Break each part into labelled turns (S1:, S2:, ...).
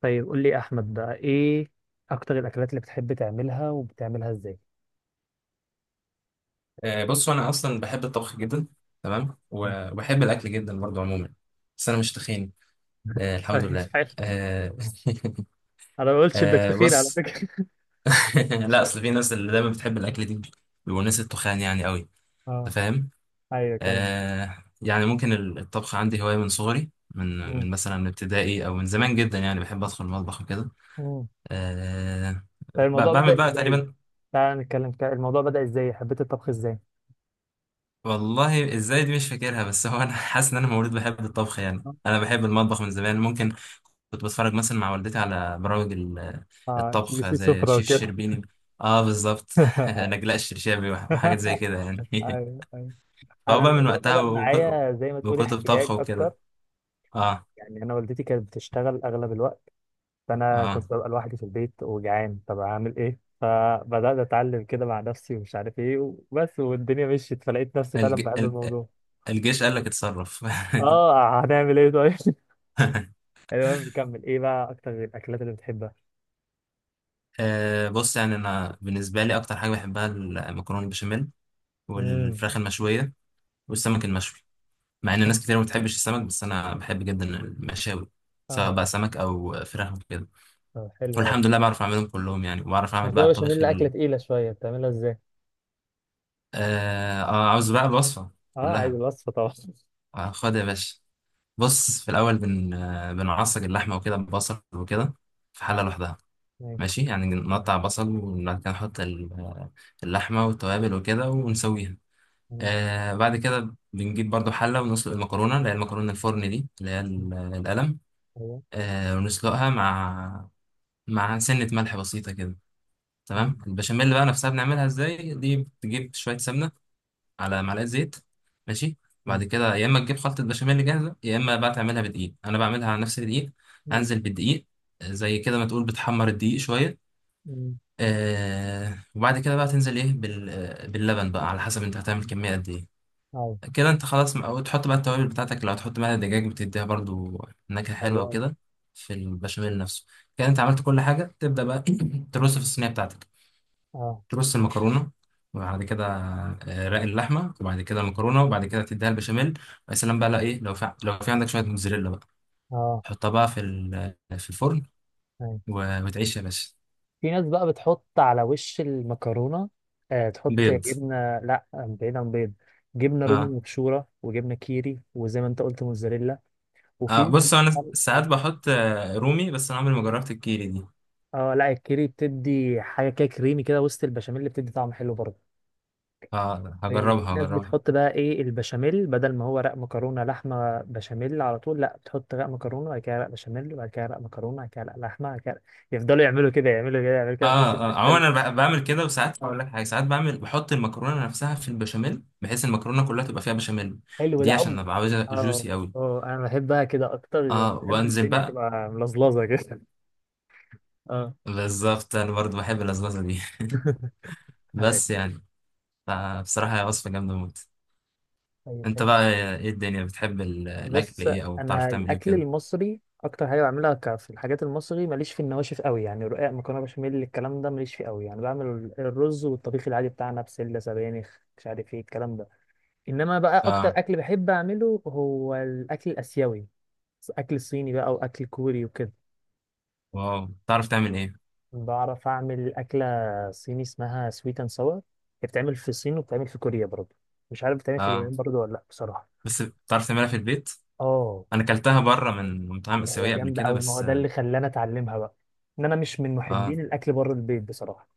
S1: طيب، قول لي يا احمد بقى، ايه اكتر الاكلات اللي بتحب تعملها وبتعملها ازاي؟
S2: بصوا انا اصلا بحب الطبخ جدا. تمام، وبحب الاكل جدا برضو عموما. بس انا مش تخين. آه، الحمد
S1: طيب،
S2: لله.
S1: حلو.
S2: آه،
S1: انا ما قلتش انك
S2: آه،
S1: تخين على
S2: بص.
S1: فكره.
S2: لا، اصل في ناس اللي دايما بتحب الاكل دي بيبقوا ناس التخان يعني قوي. انت
S1: اه،
S2: فاهم؟
S1: ايوه، كمل.
S2: آه، يعني ممكن الطبخ عندي هوايه من صغري، من
S1: مم.
S2: من مثلا من ابتدائي او من زمان جدا، يعني بحب ادخل المطبخ وكده.
S1: مم.
S2: آه،
S1: طيب، الموضوع
S2: بعمل
S1: بدأ
S2: بقى
S1: ازاي؟
S2: تقريبا.
S1: تعال نتكلم كده، الموضوع بدأ ازاي؟ حبيت الطبخ ازاي؟
S2: والله ازاي دي مش فاكرها، بس هو انا حاسس ان انا مولود بحب الطبخ. يعني انا بحب المطبخ من زمان، ممكن كنت بتفرج مثلا مع والدتي على برامج
S1: اه، بي
S2: الطبخ
S1: سي
S2: زي
S1: سفرة
S2: شيف
S1: وكده.
S2: الشربيني. اه بالظبط. نجلاء الشرشابي وحاجات زي كده يعني.
S1: ايوه، ايوه.
S2: فهو
S1: انا
S2: بقى من
S1: الموضوع
S2: وقتها
S1: بدأ
S2: وكتب،
S1: معايا زي ما تقولي
S2: وكتب طبخ
S1: احتياج اكتر،
S2: وكده. اه
S1: يعني انا والدتي كانت بتشتغل اغلب الوقت، فانا
S2: اه.
S1: كنت ببقى لوحدي في البيت وجعان، طب اعمل ايه؟ فبدات اتعلم كده مع نفسي، ومش عارف ايه وبس، والدنيا مشيت فلقيت نفسي فعلا
S2: الج...
S1: بحب
S2: ال-
S1: الموضوع.
S2: الجيش قال لك اتصرف.
S1: اه، هنعمل ايه طيب؟ المهم نكمل. ايه بقى اكتر الاكلات اللي بتحبها؟
S2: آه بص، يعني انا بالنسبه لي اكتر حاجه بحبها المكرونه البشاميل
S1: امم.
S2: والفراخ المشويه والسمك المشوي. مع ان ناس كتير ما بتحبش السمك، بس انا بحب جدا المشاوي سواء
S1: اه،
S2: بقى سمك او فراخ وكده.
S1: طب حلو قوي.
S2: والحمد لله بعرف اعملهم كلهم، يعني وبعرف
S1: بس
S2: اعمل بقى
S1: المكرونه
S2: الطبيخ
S1: بشاميل اكله
S2: ال...
S1: تقيله شويه، بتعملها ازاي؟
S2: آه آه، عاوز بقى الوصفة
S1: اه، عايز
S2: كلها؟
S1: الوصفه طبعا.
S2: آه، خد يا باشا. بص في الأول بن آه، بنعصج اللحمة وكده ببصل وكده في حلة
S1: آه.
S2: لوحدها.
S1: ماشي.
S2: ماشي، يعني نقطع بصل وبعد كده نحط اللحمة والتوابل وكده ونسويها.
S1: مم.
S2: آه بعد كده بنجيب برضو حلة ونسلق المكرونة اللي هي المكرونة الفرن دي اللي هي
S1: مم،
S2: القلم.
S1: أيوة.
S2: آه ونسلقها مع سنة ملح بسيطة كده. تمام.
S1: مم.
S2: البشاميل بقى نفسها بنعملها ازاي؟ دي بتجيب شوية سمنة على معلقه زيت. ماشي.
S1: مم.
S2: بعد كده يا اما تجيب خلطه بشاميل جاهزه يا اما بقى تعملها بدقيق. انا بعملها على نفس الدقيق.
S1: مم.
S2: انزل بالدقيق، زي كده ما تقول بتحمر الدقيق شويه.
S1: مم.
S2: آه وبعد كده بقى تنزل ايه باللبن بقى، على حسب انت هتعمل
S1: مم.
S2: كميه قد ايه.
S1: أيوة.
S2: كده انت خلاص، او تحط بقى التوابل بتاعتك. لو هتحط معاها دجاج بتديها برضو نكهه
S1: حلو
S2: حلوه
S1: قوي،
S2: وكده في البشاميل نفسه. كده انت عملت كل حاجه، تبدا بقى ترص في الصينيه بتاعتك.
S1: اه،
S2: ترص المكرونه وبعد كده رق اللحمه، وبعد كده المكرونه، وبعد كده تديها البشاميل. ويا سلام بقى، لو في عندك شويه موتزاريلا بقى
S1: اه،
S2: تحطها بقى في في الفرن.
S1: أيوة.
S2: وتعيش يا باشا.
S1: في ناس بقى بتحط على وش المكرونة، تحط
S2: بيض.
S1: جبنة، لا بعيدا عن بيض. جبنة رومي
S2: اه،
S1: مبشورة، وجبنة كيري، وزي ما انت قلت موزاريلا.
S2: آه بص انا ساعات
S1: اه.
S2: بحط رومي، بس انا عمري ما جربت الكيري دي.
S1: لا، الكيري بتدي حاجة كده كريمي كده وسط البشاميل اللي بتدي طعم حلو برضه.
S2: اه
S1: في
S2: هجربها
S1: ناس
S2: هجربها.
S1: بتحط بقى ايه، البشاميل بدل ما هو رق مكرونة لحمة بشاميل على طول، لا، بتحط رق مكرونة، بعد كده رق بشاميل، وبعد كده رق مكرونة، بعد كده رق لحمة، بعد كده يفضلوا يعملوا كده، يعملوا كده، يعملوا
S2: اه
S1: كده، بحيث ان
S2: اه.
S1: انت
S2: عموما انا بعمل كده، وساعات هقول
S1: آه.
S2: لك حاجه، ساعات بعمل بحط المكرونه نفسها في البشاميل بحيث المكرونه كلها تبقى فيها بشاميل.
S1: حلو ده
S2: دي عشان
S1: قوي.
S2: ابقى عاوزها
S1: اه،
S2: جوسي قوي.
S1: اه، انا بحبها كده اكتر،
S2: اه
S1: بحب
S2: وانزل
S1: الدنيا
S2: بقى.
S1: تبقى ملزلزه كده. اه.
S2: بالظبط، انا برضو بحب اللزلزه دي.
S1: أيوة.
S2: بس يعني، فبصراحه هي وصفه جامده موت.
S1: طيب،
S2: انت
S1: حلو.
S2: بقى، ايه الدنيا بتحب الاكل
S1: بص،
S2: ايه، او بتعرف
S1: انا
S2: تعمل ايه
S1: الاكل
S2: بكده؟
S1: المصري اكتر حاجه بعملها، في الحاجات المصري ماليش في النواشف قوي، يعني رقاق، مكرونه بشاميل، الكلام ده ماليش فيه قوي، يعني بعمل الرز والطبيخ العادي بتاعنا، بسله، سبانخ، مش عارف ايه الكلام ده. انما بقى اكتر
S2: اه.
S1: اكل بحب اعمله هو الاكل الاسيوي، اكل صيني بقى واكل كوري وكده.
S2: واو، بتعرف تعمل ايه؟
S1: بعرف اعمل اكله صيني اسمها سويت اند ساور. هي بتتعمل في الصين وبتتعمل في كوريا برضه. مش عارف بتتعمل في
S2: اه
S1: اليابان برضه ولا لا، بصراحه.
S2: بس بتعرف تعملها في البيت؟
S1: اه،
S2: انا اكلتها بره من مطاعم
S1: هي
S2: اسيويه قبل
S1: جامده
S2: كده،
S1: قوي، ما هو
S2: بس
S1: ده
S2: اه
S1: اللي خلاني اتعلمها بقى، ان انا مش من
S2: اه.
S1: محبين الاكل بره البيت بصراحه.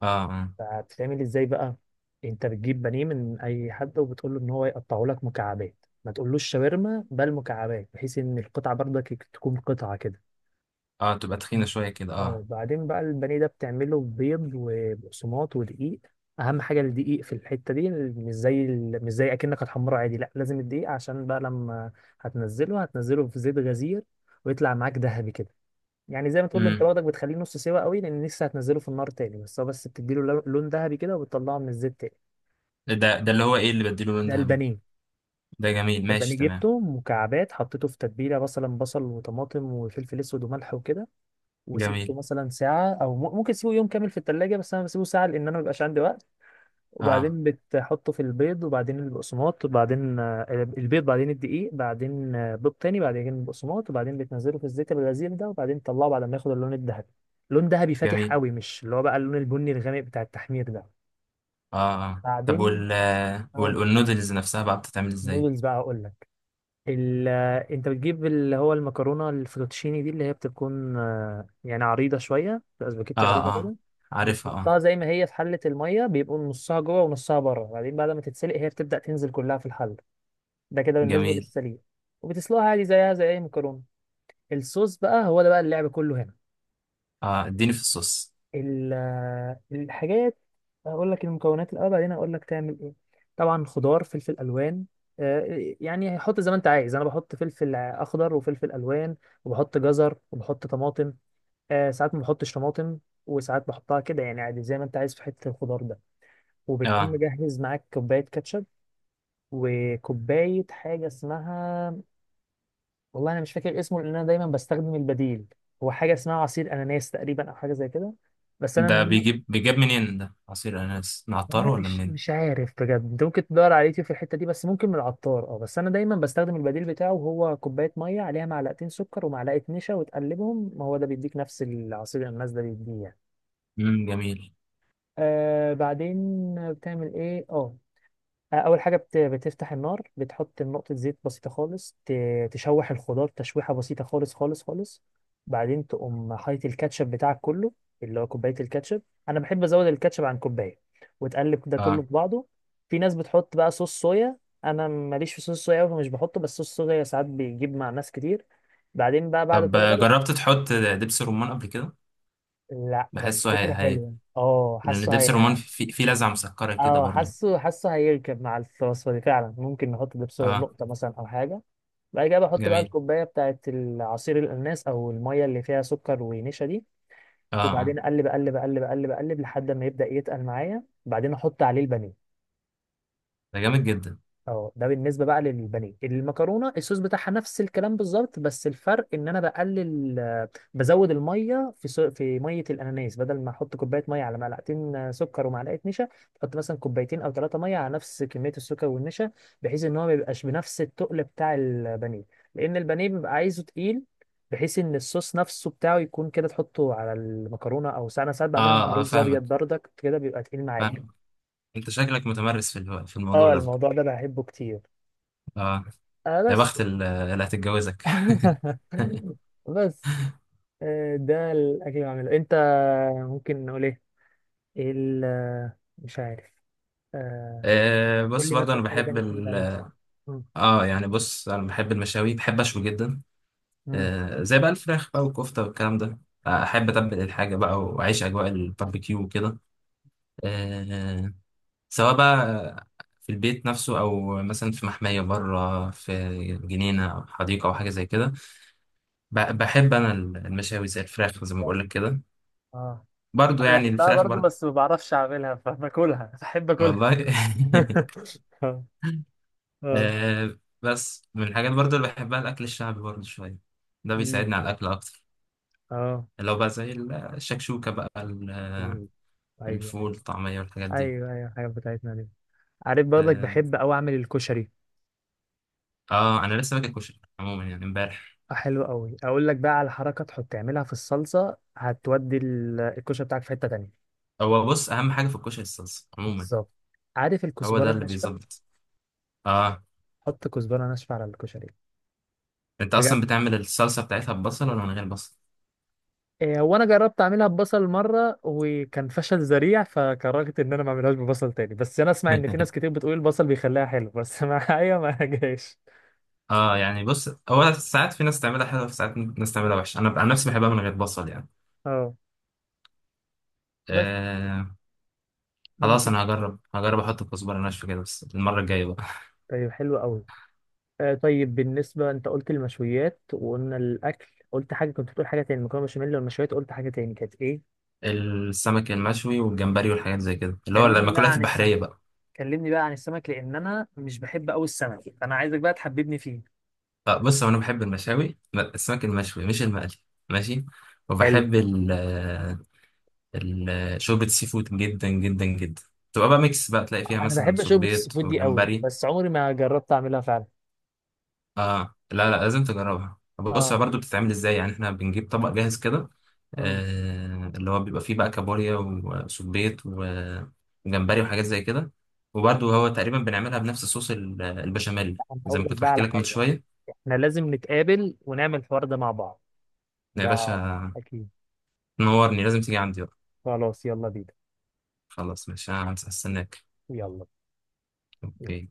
S2: اه
S1: فبتتعمل ازاي بقى؟ انت بتجيب بانيه من اي حد، وبتقول له ان هو يقطعه لك مكعبات، ما تقولوش شاورما بل مكعبات، بحيث ان القطعه برضك تكون قطعه كده.
S2: اه تبقى تخينه شويه كده، اه.
S1: اه، بعدين بقى البانيه ده بتعمله بيض وبقسماط ودقيق. اهم حاجه الدقيق في الحته دي، مش زي اكنك هتحمره عادي، لا، لازم الدقيق عشان بقى لما هتنزله في زيت غزير، ويطلع معاك ذهبي كده. يعني زي ما تقول انت
S2: امم.
S1: واخدك، بتخليه نص سوا قوي لان لسه هتنزله في النار تاني، بس هو، بس بتديله لون ذهبي كده، وبتطلعه من الزيت تاني.
S2: ده اللي هو ايه اللي بديله لون
S1: ده
S2: ذهبي؟
S1: البانيه.
S2: ده جميل،
S1: البانيه
S2: ماشي تمام.
S1: جبته مكعبات، حطيته في تتبيله، مثلا بصل وطماطم وفلفل اسود وملح وكده، وسبته
S2: جميل.
S1: مثلا ساعة أو ممكن تسيبه يوم كامل في التلاجة، بس أنا بسيبه ساعة لأن أنا مبيبقاش عندي وقت.
S2: اه.
S1: وبعدين بتحطه في البيض، وبعدين البقسماط، وبعدين البيض، بعدين الدقيق، بعدين بيض تاني، بعدين البقسماط، وبعدين بتنزله في الزيت الغزير ده، وبعدين تطلعه بعد ما ياخد اللون الذهبي. لون ذهبي فاتح
S2: جميل.
S1: قوي، مش اللي هو بقى اللون البني الغامق بتاع التحمير ده.
S2: اه اه. طب
S1: بعدين، اه،
S2: والنودلز نفسها بقى بتتعمل ازاي؟
S1: نودلز بقى أقول لك. ال... انت بتجيب اللي هو المكرونه الفوتوتشيني دي، اللي هي بتكون يعني عريضه شويه، بتبقى
S2: اه
S1: سباكيتي عريضه
S2: اه
S1: كده.
S2: عارفها اه.
S1: بتحطها زي ما هي في حله الميه، بيبقوا نصها جوه ونصها بره، وبعدين بعد ما تتسلق هي بتبدا تنزل كلها في الحله. ده كده بالنسبه
S2: جميل.
S1: للسليق. وبتسلقها عادي زيها زي اي مكرونه. الصوص بقى، هو ده بقى اللعب كله هنا.
S2: اه اديني في الصوص.
S1: الحاجات، هقول لك المكونات الاول، بعدين هقول لك تعمل ايه. طبعا، خضار، فلفل الوان. يعني حط زي ما انت عايز، انا بحط فلفل اخضر وفلفل الوان، وبحط جزر وبحط طماطم. ساعات ما بحطش طماطم، وساعات بحطها كده، يعني عادي زي ما انت عايز في حته الخضار ده. وبتكون
S2: اه.
S1: مجهز معاك كوبايه كاتشب، وكوبايه حاجه اسمها، والله انا مش فاكر اسمه لان انا دايما بستخدم البديل. هو حاجه اسمها عصير اناناس تقريبا، او حاجه زي كده. بس
S2: ده
S1: انا،
S2: بيجيب منين ده، عصير اناناس
S1: والله
S2: نعطره ولا
S1: مش
S2: منين؟
S1: مش عارف بجد، انت ممكن تدور على اليوتيوب في الحته دي، بس ممكن من العطار، اه، بس انا دايما بستخدم البديل بتاعه، وهو كوبايه ميه عليها معلقتين سكر ومعلقه نشا وتقلبهم، ما هو ده بيديك نفس العصير اللي الناس ده بيديه يعني.
S2: امم، جميل.
S1: بعدين بتعمل ايه؟ اه، اول حاجه، بتفتح النار، بتحط نقطه زيت بسيطه خالص، تشوح الخضار تشويحه بسيطه خالص خالص خالص. بعدين تقوم حاطط الكاتشب بتاعك كله، اللي هو كوبايه الكاتشب، انا بحب ازود الكاتشب عن كوبايه، وتقلب ده كله
S2: اه
S1: في بعضه. في ناس بتحط بقى صوص صويا، انا ماليش في صوص صويا أوي فمش بحطه، بس صوص صويا ساعات بيجيب مع ناس كتير. بعدين بقى بعد
S2: طب
S1: كل ده
S2: جربت تحط دبس رمان قبل كده؟
S1: لا، بس
S2: بحسه هي
S1: فكره
S2: هي،
S1: حلوه، اه،
S2: لان
S1: حاسه
S2: دبس الرمان
S1: هي.
S2: فيه في لذعه مسكره كده
S1: اه،
S2: برضو.
S1: حاسه هيركب مع الوصفه دي فعلا، ممكن نحط ده بسرعه
S2: اه
S1: نقطه مثلا او حاجه. بعد كده بحط بقى
S2: جميل.
S1: الكوبايه بتاعت العصير الاناناس، او الميه اللي فيها سكر ونشا دي.
S2: اه اه.
S1: وبعدين اقلب، اقلب، اقلب، اقلب، اقلب، لحد ما يبدا يتقل معايا، بعدين احط عليه البانيه.
S2: ده جامد جدا.
S1: اه، ده بالنسبه بقى للبانيه، المكرونه الصوص بتاعها نفس الكلام بالظبط، بس الفرق ان انا بقلل، بزود الميه في في ميه الاناناس، بدل ما احط كوبايه ميه على معلقتين سكر ومعلقه نشا، احط مثلا كوبايتين او ثلاثه ميه على نفس كميه السكر والنشا، بحيث ان هو ما يبقاش بنفس التقل بتاع البانيه، لان البانيه بيبقى عايزه تقيل، بحيث ان الصوص نفسه بتاعه يكون كده، تحطه على المكرونه، او ساعات انا ساعات بعملها مع
S2: اه اه
S1: رز ابيض
S2: فاهمك،
S1: بردك كده بيبقى تقيل معاك.
S2: فاهمك. انت شكلك متمرس في الموضوع
S1: اه،
S2: ده.
S1: الموضوع ده بحبه كتير.
S2: اه. يا
S1: بس.
S2: بخت اللي هتتجوزك.
S1: بس، ده الاكل اللي بعمله. انت ممكن نقول ايه؟ ايه مش عارف. آه،
S2: آه،
S1: قول
S2: بص
S1: لي
S2: برضه
S1: مثلا
S2: انا
S1: حاجه
S2: بحب
S1: تانية كده
S2: ال...
S1: بتعملها. مم.
S2: اه يعني بص انا بحب المشاوي، بحب اشوي جدا.
S1: مم.
S2: آه زي بقى الفراخ بقى والكفته والكلام ده، آه، احب اتبل الحاجه بقى واعيش اجواء الباربيكيو وكده. آه، سواء بقى في البيت نفسه او مثلا في محميه بره، في جنينه او حديقه او حاجه زي كده. بحب انا المشاوي زي الفراخ، زي ما بقول لك كده.
S1: اه،
S2: برضو
S1: انا
S2: يعني
S1: بحبها
S2: الفراخ
S1: برضو
S2: برضو.
S1: بس ما بعرفش اعملها، فباكلها، بحب اكلها.
S2: والله.
S1: اه. اه.
S2: آه بس من الحاجات برضو اللي بحبها الاكل الشعبي برضو شويه، ده
S1: مم.
S2: بيساعدني على الاكل اكتر.
S1: اه.
S2: اللي هو بقى زي الشكشوكة بقى،
S1: مم. ايوه،
S2: الفول
S1: ايوه،
S2: الطعمية والحاجات دي.
S1: ايوه، ايوه، حاجه بتاعتنا دي. عارف برضك
S2: اه.
S1: بحب اوي اعمل الكشري.
S2: آه، انا لسه باكل كشري عموما، يعني امبارح.
S1: حلو قوي، اقول لك بقى على حركه، تحط تعملها في الصلصه هتودي الكشري بتاعك في حته تانية.
S2: هو بص اهم حاجة في الكشري الصلصة عموما.
S1: بالظبط. عارف
S2: هو ده
S1: الكزبره
S2: اللي
S1: الناشفه؟
S2: بيظبط. اه.
S1: حط كزبره ناشفه على الكشري.
S2: انت اصلا
S1: بجد.
S2: بتعمل الصلصة بتاعتها ببصل ولا من غير بصل؟
S1: إيه، هو انا جربت اعملها ببصل مره وكان فشل ذريع، فكرهت ان انا ما اعملهاش ببصل تاني، بس انا اسمع ان في ناس كتير بتقول البصل بيخليها حلو، بس معايا ما جاش.
S2: اه يعني بص هو ساعات في ناس تعملها حلوة، وفي ساعات ناس تعملها وحشة. انا عن نفسي بحبها من غير بصل يعني.
S1: اه، بس
S2: آه. خلاص
S1: ممكن.
S2: انا هجرب هجرب احط كزبرة ناشفة كده، بس المرة الجاية بقى.
S1: طيب، حلو قوي. طيب، بالنسبه انت قلت المشويات وقلنا الاكل، قلت حاجه، كنت بتقول حاجه تاني مكرونه بشاميل والمشويات، قلت حاجه تاني كانت ايه؟
S2: السمك المشوي والجمبري والحاجات زي كده، اللي هو
S1: كلمني بقى
S2: المأكولات
S1: عن السمك.
S2: البحرية بقى.
S1: كلمني بقى عن السمك، لان انا مش بحب قوي السمك، فانا عايزك بقى تحببني فيه.
S2: آه، بص هو انا بحب المشاوي، السمك المشوي مش المقلي. ماشي.
S1: حلو.
S2: وبحب شوربة السي فود جدا جدا جدا. تبقى بقى ميكس بقى، تلاقي فيها
S1: انا
S2: مثلا
S1: بحب شوربه السي
S2: صبيط
S1: فود دي قوي،
S2: وجمبري.
S1: بس عمري ما جربت اعملها فعلا.
S2: اه لا لا، لازم تجربها. بص هي
S1: اه،
S2: برضو بتتعمل ازاي يعني، احنا بنجيب طبق جاهز كده.
S1: امم
S2: آه، اللي هو بيبقى فيه بقى كابوريا وصبيط وجمبري وحاجات زي كده. وبرضو هو تقريبا بنعملها بنفس صوص البشاميل،
S1: انا
S2: زي
S1: هقول
S2: ما
S1: لك
S2: كنت
S1: بقى
S2: بحكي
S1: على
S2: لك من
S1: حاجه،
S2: شوية.
S1: احنا لازم نتقابل ونعمل الحوار ده مع بعض.
S2: يا باشا.
S1: ده، اكيد.
S2: تنورني، لازم تيجي عندي.
S1: خلاص، يلا بينا.
S2: خلاص ماشي، انا هستناك.
S1: يلا.
S2: اوكي.